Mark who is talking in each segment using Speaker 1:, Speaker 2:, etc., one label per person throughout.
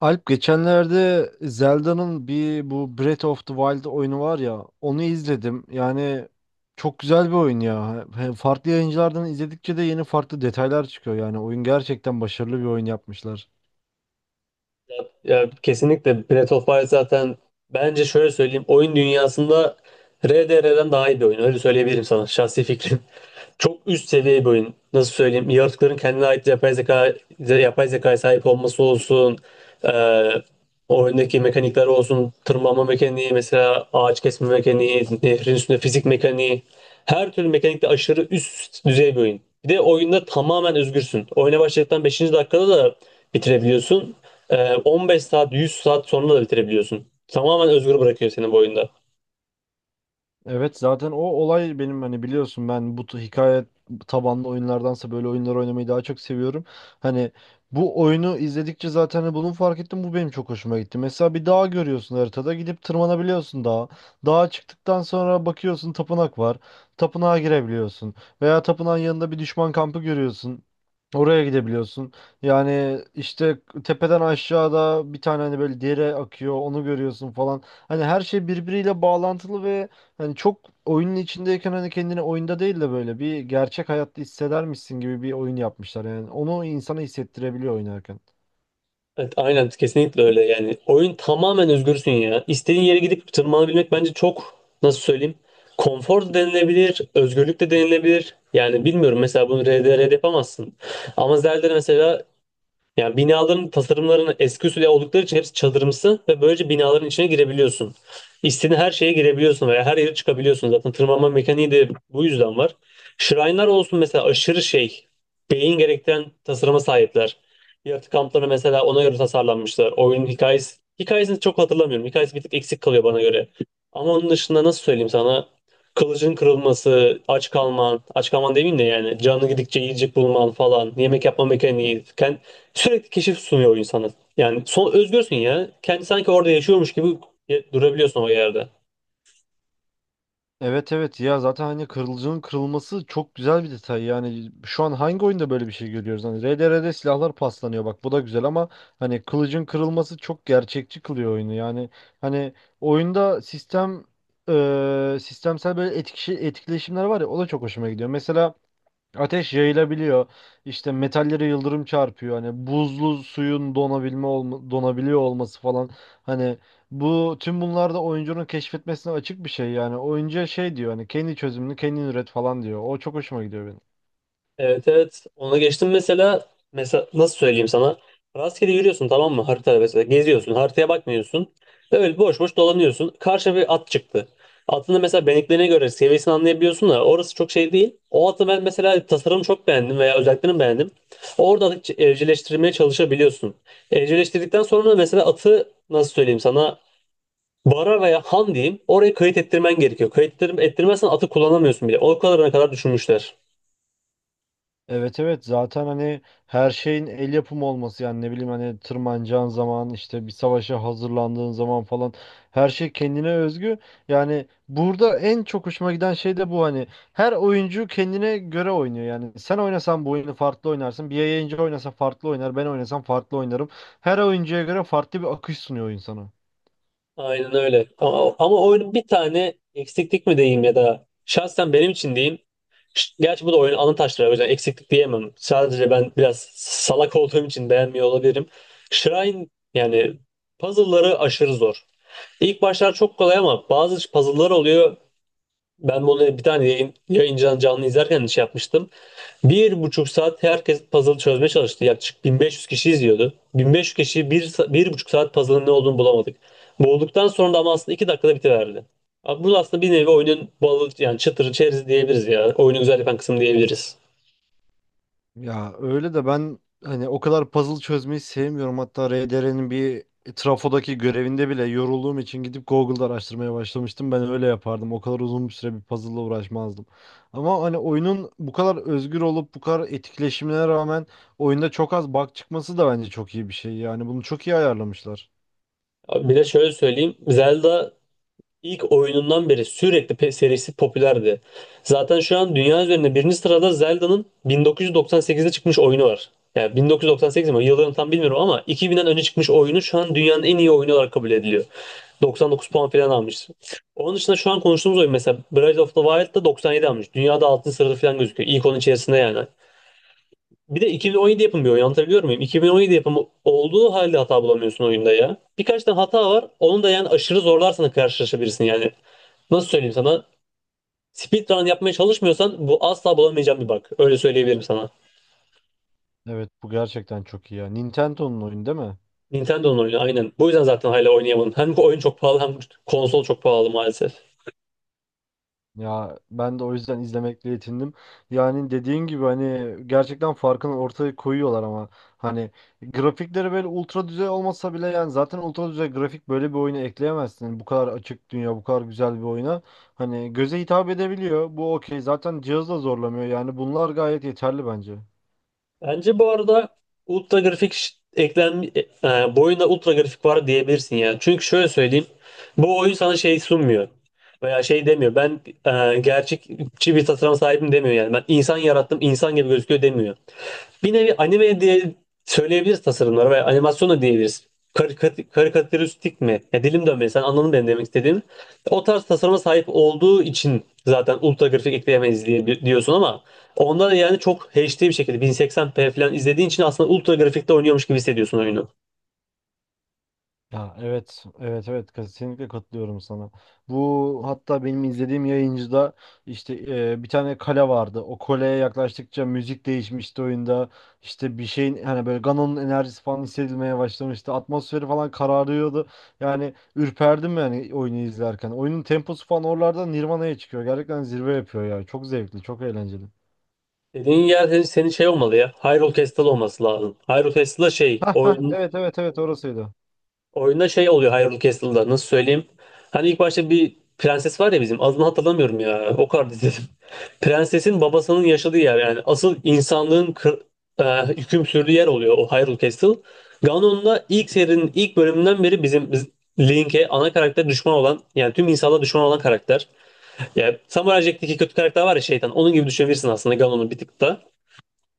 Speaker 1: Alp geçenlerde Zelda'nın bir bu Breath of the Wild oyunu var ya onu izledim. Çok güzel bir oyun ya. Farklı yayıncılardan izledikçe de yeni farklı detaylar çıkıyor. Yani oyun gerçekten başarılı bir oyun yapmışlar.
Speaker 2: Ya kesinlikle Breath of Fire zaten, bence şöyle söyleyeyim, oyun dünyasında RDR'den daha iyi bir oyun. Öyle söyleyebilirim sana, şahsi fikrim. Çok üst seviye bir oyun. Nasıl söyleyeyim? Yaratıkların kendine ait yapay zeka, yapay zekaya sahip olması olsun. E, Oyundaki mekanikler olsun. Tırmanma mekaniği mesela, ağaç kesme mekaniği, nehrin üstünde fizik mekaniği. Her türlü mekanikte aşırı üst düzey bir oyun. Bir de oyunda tamamen özgürsün. Oyuna başladıktan beşinci dakikada da bitirebiliyorsun. 15 saat, 100 saat sonra da bitirebiliyorsun. Tamamen özgür bırakıyor seni bu oyunda.
Speaker 1: Evet, zaten o olay benim, hani biliyorsun, ben bu hikaye tabanlı oyunlardansa böyle oyunlar oynamayı daha çok seviyorum. Hani bu oyunu izledikçe zaten hani bunu fark ettim, bu benim çok hoşuma gitti. Mesela bir dağ görüyorsun haritada, gidip tırmanabiliyorsun dağa. Dağa çıktıktan sonra bakıyorsun tapınak var. Tapınağa girebiliyorsun. Veya tapınağın yanında bir düşman kampı görüyorsun. Oraya gidebiliyorsun. Yani işte tepeden aşağıda bir tane hani böyle dere akıyor, onu görüyorsun falan. Hani her şey birbiriyle bağlantılı ve hani çok, oyunun içindeyken hani kendini oyunda değil de böyle bir gerçek hayatta hissedermişsin gibi bir oyun yapmışlar. Yani onu insana hissettirebiliyor oynarken.
Speaker 2: Evet, aynen, kesinlikle öyle. Yani oyun, tamamen özgürsün ya. İstediğin yere gidip tırmanabilmek bence çok, nasıl söyleyeyim, konfor da denilebilir, özgürlük de denilebilir. Yani bilmiyorum, mesela bunu RDR'de yapamazsın. Ama Zelda'da mesela, yani binaların tasarımlarını eski usul oldukları için hepsi çadırımsı ve böylece binaların içine girebiliyorsun. İstediğin her şeye girebiliyorsun veya her yere çıkabiliyorsun. Zaten tırmanma mekaniği de bu yüzden var. Shrine'lar olsun mesela, aşırı şey, beyin gerektiren tasarıma sahipler. Yaratık kampları mesela ona göre tasarlanmışlar. Oyunun hikayesi, hikayesini çok hatırlamıyorum. Hikayesi bir tık eksik kalıyor bana göre. Ama onun dışında, nasıl söyleyeyim sana? Kılıcın kırılması, aç kalman, aç kalman demeyeyim de, yani canı gidikçe yiyecek bulman falan, yemek yapma mekaniği, sürekli keşif sunuyor oyun sana. Yani son özgürsün ya. Kendi sanki orada yaşıyormuş gibi durabiliyorsun o yerde.
Speaker 1: Evet, evet ya, zaten hani kırılıcının kırılması çok güzel bir detay. Yani şu an hangi oyunda böyle bir şey görüyoruz? Hani RDR'de silahlar paslanıyor, bak bu da güzel ama hani kılıcın kırılması çok gerçekçi kılıyor oyunu. Yani hani oyunda sistem, sistemsel böyle etki, etkileşimler var ya, o da çok hoşuma gidiyor. Mesela ateş yayılabiliyor. İşte metallere yıldırım çarpıyor. Hani buzlu suyun donabiliyor olması falan. Hani bu tüm bunlar da oyuncunun keşfetmesine açık bir şey yani. Oyuncuya şey diyor, hani kendi çözümünü kendin üret falan diyor. O çok hoşuma gidiyor benim.
Speaker 2: Evet, evet. Ona geçtim mesela. Mesela, nasıl söyleyeyim sana? Rastgele yürüyorsun, tamam mı? Haritada mesela geziyorsun, haritaya bakmıyorsun. Böyle boş boş dolanıyorsun. Karşına bir at çıktı. Atın da mesela beneklerine göre seviyesini anlayabiliyorsun da orası çok şey değil. O atı ben mesela, tasarımı çok beğendim veya özelliklerini beğendim. Orada atı evcilleştirmeye çalışabiliyorsun. Evcilleştirdikten sonra mesela atı, nasıl söyleyeyim sana, Vara veya Han diyeyim, oraya kayıt ettirmen gerekiyor. Kayıt ettirmezsen atı kullanamıyorsun bile. O kadarına kadar düşünmüşler.
Speaker 1: Evet evet, zaten hani her şeyin el yapımı olması, yani ne bileyim hani tırmanacağın zaman, işte bir savaşa hazırlandığın zaman falan, her şey kendine özgü. Yani burada en çok hoşuma giden şey de bu, hani her oyuncu kendine göre oynuyor, yani sen oynasan bu oyunu farklı oynarsın, bir yayıncı oynasa farklı oynar, ben oynasam farklı oynarım. Her oyuncuya göre farklı bir akış sunuyor oyun sana.
Speaker 2: Aynen öyle. Ama oyunun bir tane eksiklik mi diyeyim, ya da şahsen benim için diyeyim. Gerçi bu da oyunun ana taşları, o yüzden eksiklik diyemem. Sadece ben biraz salak olduğum için beğenmiyor olabilirim. Shrine, yani puzzle'ları aşırı zor. İlk başlar çok kolay, ama bazı puzzle'lar oluyor. Ben bunu bir tane yayın canlı izlerken şey yapmıştım. Bir buçuk saat herkes puzzle çözmeye çalıştı. Yaklaşık 1500 kişi izliyordu. 1500 kişi bir buçuk saat puzzle'ın ne olduğunu bulamadık. Bulduktan sonra da ama aslında iki dakikada bitiverdi. Abi bu aslında bir nevi oyunun balı, yani çıtırı çerezi diyebiliriz ya. Oyunu güzel yapan kısım diyebiliriz.
Speaker 1: Ya öyle de, ben hani o kadar puzzle çözmeyi sevmiyorum. Hatta RDR'nin bir trafodaki görevinde bile yorulduğum için gidip Google'da araştırmaya başlamıştım. Ben öyle yapardım. O kadar uzun bir süre bir puzzle'la uğraşmazdım. Ama hani oyunun bu kadar özgür olup bu kadar etkileşimine rağmen oyunda çok az bug çıkması da bence çok iyi bir şey. Yani bunu çok iyi ayarlamışlar.
Speaker 2: Abi bir de şöyle söyleyeyim. Zelda, İlk oyunundan beri sürekli serisi popülerdi. Zaten şu an dünya üzerinde birinci sırada Zelda'nın 1998'de çıkmış oyunu var. Yani 1998 mi, yıllarını tam bilmiyorum, ama 2000'den önce çıkmış oyunu şu an dünyanın en iyi oyunu olarak kabul ediliyor. 99 puan falan almış. Onun dışında şu an konuştuğumuz oyun mesela, Breath of the Wild'da 97 almış. Dünyada 6. sırada falan gözüküyor, İlk onun içerisinde yani. Bir de 2017 yapımı bir oyun, anlatabiliyor muyum? 2017 yapımı olduğu halde hata bulamıyorsun oyunda ya. Birkaç tane hata var, onu da yani aşırı zorlarsan karşılaşabilirsin yani. Nasıl söyleyeyim sana? Speedrun yapmaya çalışmıyorsan bu asla bulamayacağım bir bug. Öyle söyleyebilirim sana.
Speaker 1: Evet, bu gerçekten çok iyi ya. Nintendo'nun oyunu değil mi?
Speaker 2: Nintendo'nun oyunu, aynen. Bu yüzden zaten hala oynayamadım. Hem bu oyun çok pahalı, hem konsol çok pahalı maalesef.
Speaker 1: Ya ben de o yüzden izlemekle yetindim. Yani dediğin gibi hani gerçekten farkını ortaya koyuyorlar ama hani grafikleri böyle ultra düzey olmasa bile, yani zaten ultra düzey grafik böyle bir oyuna ekleyemezsin. Hani bu kadar açık dünya, bu kadar güzel bir oyuna. Hani göze hitap edebiliyor. Bu okey. Zaten cihaz da zorlamıyor. Yani bunlar gayet yeterli bence.
Speaker 2: Bence bu arada ultra grafik, bu oyunda ultra grafik var diyebilirsin ya. Çünkü şöyle söyleyeyim, bu oyun sana şey sunmuyor, veya şey demiyor. Ben, gerçekçi bir tasarıma sahibim demiyor yani. Ben insan yarattım, insan gibi gözüküyor demiyor. Bir nevi anime diye söyleyebiliriz tasarımlara, veya animasyon da diyebiliriz. Karikat, karikatüristik mi? Ya, dilim dönmedi. Sen anladın benim demek istediğim. O tarz tasarıma sahip olduğu için zaten ultra grafik ekleyemeyiz diye diyorsun, ama onda da yani çok HD bir şekilde 1080p falan izlediğin için aslında ultra grafikte oynuyormuş gibi hissediyorsun oyunu.
Speaker 1: Ya evet, evet, evet, kesinlikle katılıyorum sana. Bu hatta benim izlediğim yayıncıda işte, bir tane kale vardı. O kaleye yaklaştıkça müzik değişmişti oyunda. İşte bir şeyin hani böyle Ganon'un enerjisi falan hissedilmeye başlamıştı. Atmosferi falan kararıyordu. Yani ürperdim yani oyunu izlerken. Oyunun temposu falan oralarda Nirvana'ya çıkıyor. Gerçekten zirve yapıyor ya. Çok zevkli, çok eğlenceli.
Speaker 2: Dediğin yer senin şey olmalı ya, Hyrule Castle olması lazım. Hyrule Castle şey
Speaker 1: Ha ha,
Speaker 2: oyun
Speaker 1: evet evet evet, orasıydı.
Speaker 2: Oyunda şey oluyor Hyrule Castle'da, nasıl söyleyeyim. Hani ilk başta bir prenses var ya bizim, adını hatırlamıyorum ya, o kadar izledim. Prensesin babasının yaşadığı yer, yani asıl insanlığın hüküm sürdüğü yer oluyor o Hyrule Castle. Ganon'da ilk serinin ilk bölümünden beri bizim, Link'e, ana karakter, düşman olan yani tüm insanlara düşman olan karakter. Yani Samurai Jack'teki kötü karakter var ya, şeytan, onun gibi düşünebilirsin aslında Ganon'u bir tık da.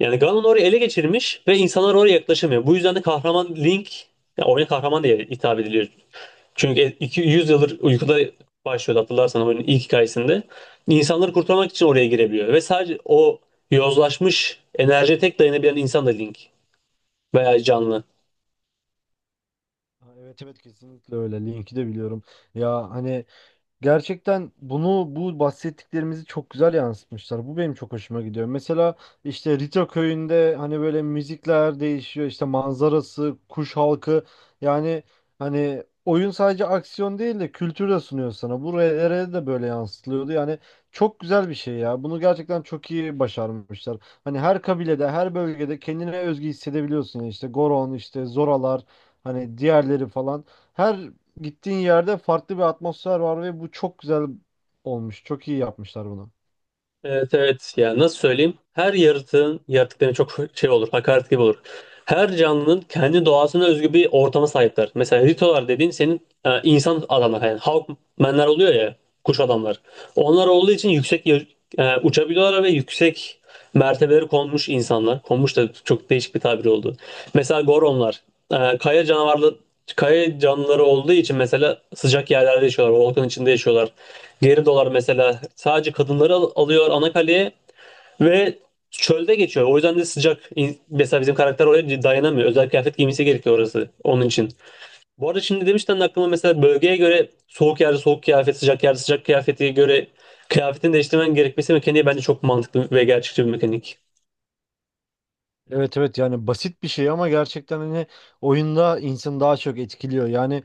Speaker 2: Yani Ganon orayı ele geçirmiş ve insanlar oraya yaklaşamıyor. Bu yüzden de kahraman Link, ya oyuna kahraman diye hitap ediliyor, çünkü 100 yıldır uykuda başlıyordu, hatırlarsan oyunun ilk hikayesinde. İnsanları kurtarmak için oraya girebiliyor. Ve sadece o yozlaşmış enerjiye tek dayanabilen insan da Link, veya canlı.
Speaker 1: Ha, evet evet, kesinlikle öyle. Link'i de biliyorum. Ya hani gerçekten bunu, bu bahsettiklerimizi çok güzel yansıtmışlar. Bu benim çok hoşuma gidiyor. Mesela işte Rito köyünde hani böyle müzikler değişiyor, işte manzarası, kuş halkı, yani hani oyun sadece aksiyon değil de kültür de sunuyor sana. Buraya de böyle yansıtılıyordu. Yani çok güzel bir şey ya. Bunu gerçekten çok iyi başarmışlar. Hani her kabilede, her bölgede kendine özgü hissedebiliyorsun ya. İşte Goron, işte Zoralar, hani diğerleri falan. Her gittiğin yerde farklı bir atmosfer var ve bu çok güzel olmuş. Çok iyi yapmışlar bunu.
Speaker 2: Evet, evet. Yani nasıl söyleyeyim? Her yaratığın, yaratıkların çok şey olur, hakaret gibi olur. Her canlının kendi doğasına özgü bir ortama sahipler. Mesela Ritolar dediğin senin, insan adamlar, yani Hawkmenler oluyor ya, kuş adamlar. Onlar olduğu için yüksek, uçabiliyorlar ve yüksek mertebeleri konmuş insanlar. Konmuş da çok değişik bir tabir oldu. Mesela Goronlar, kaya canavarlı, kaya canlıları olduğu için mesela sıcak yerlerde yaşıyorlar, volkan içinde yaşıyorlar. Geridolar mesela, sadece kadınları alıyor ana kaleye ve çölde geçiyor. O yüzden de sıcak. Mesela bizim karakter oraya dayanamıyor, özel kıyafet giymesi gerekiyor, orası onun için. Bu arada şimdi demişten de aklıma, mesela bölgeye göre soğuk yerde soğuk kıyafet, sıcak yerde sıcak kıyafete göre kıyafetini değiştirmen gerekmesi mekaniği, bence çok mantıklı ve gerçekçi bir mekanik.
Speaker 1: Evet evet, yani basit bir şey ama gerçekten hani oyunda insanı daha çok etkiliyor. Yani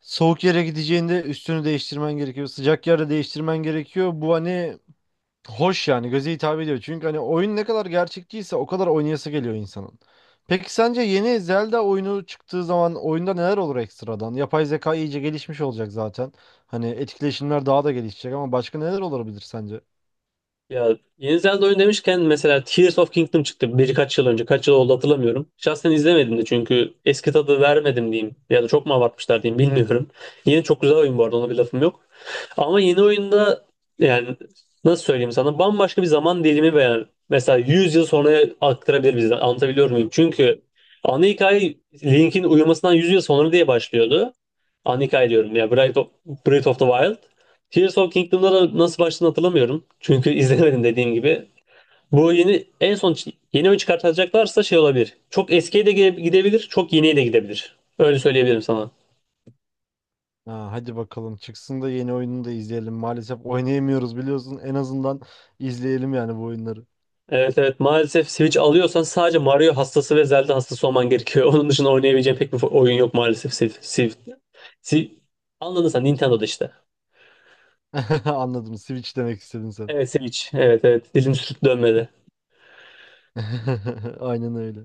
Speaker 1: soğuk yere gideceğinde üstünü değiştirmen gerekiyor. Sıcak yere değiştirmen gerekiyor. Bu hani hoş, yani göze hitap ediyor. Çünkü hani oyun ne kadar gerçekçiyse o kadar oynayası geliyor insanın. Peki sence yeni Zelda oyunu çıktığı zaman oyunda neler olur ekstradan? Yapay zeka iyice gelişmiş olacak zaten. Hani etkileşimler daha da gelişecek ama başka neler olabilir sence?
Speaker 2: Ya, yeni Zelda oyun demişken, mesela Tears of Kingdom çıktı birkaç yıl önce. Kaç yıl oldu hatırlamıyorum. Şahsen izlemedim de, çünkü eski tadı vermedim diyeyim, ya da çok mu abartmışlar diyeyim, bilmiyorum. Yeni çok güzel oyun bu arada, ona bir lafım yok. Ama yeni oyunda, yani nasıl söyleyeyim sana, bambaşka bir zaman dilimi, veya mesela 100 yıl sonra aktarabilir bizi. Anlatabiliyor muyum? Çünkü ana hikaye Link'in uyumasından 100 yıl sonra diye başlıyordu. Anika diyorum ya, Breath of the Wild. Tears of Kingdom'da da nasıl başladığını hatırlamıyorum, çünkü izlemedim, dediğim gibi. Bu yeni, en son yeni oyun çıkartacaklarsa şey olabilir, çok eskiye de gidebilir, çok yeniye de gidebilir. Öyle söyleyebilirim sana.
Speaker 1: Ha, hadi bakalım çıksın da yeni oyununu da izleyelim. Maalesef oynayamıyoruz biliyorsun. En azından izleyelim yani bu oyunları.
Speaker 2: Evet, evet, maalesef. Switch alıyorsan sadece Mario hastası ve Zelda hastası olman gerekiyor. Onun dışında oynayabileceğin pek bir oyun yok maalesef. Siv, Siv, Siv. Anladın sen, Nintendo'da işte.
Speaker 1: Anladım. Switch demek istedin sen.
Speaker 2: Evet, Switch. Evet, evet, dilim sürçüp dönmedi.
Speaker 1: Aynen öyle.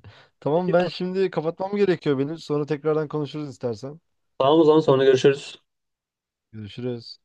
Speaker 2: Peki,
Speaker 1: Tamam, ben şimdi kapatmam gerekiyor benim. Sonra tekrardan konuşuruz istersen.
Speaker 2: tamam, o zaman sonra görüşürüz.
Speaker 1: Görüşürüz.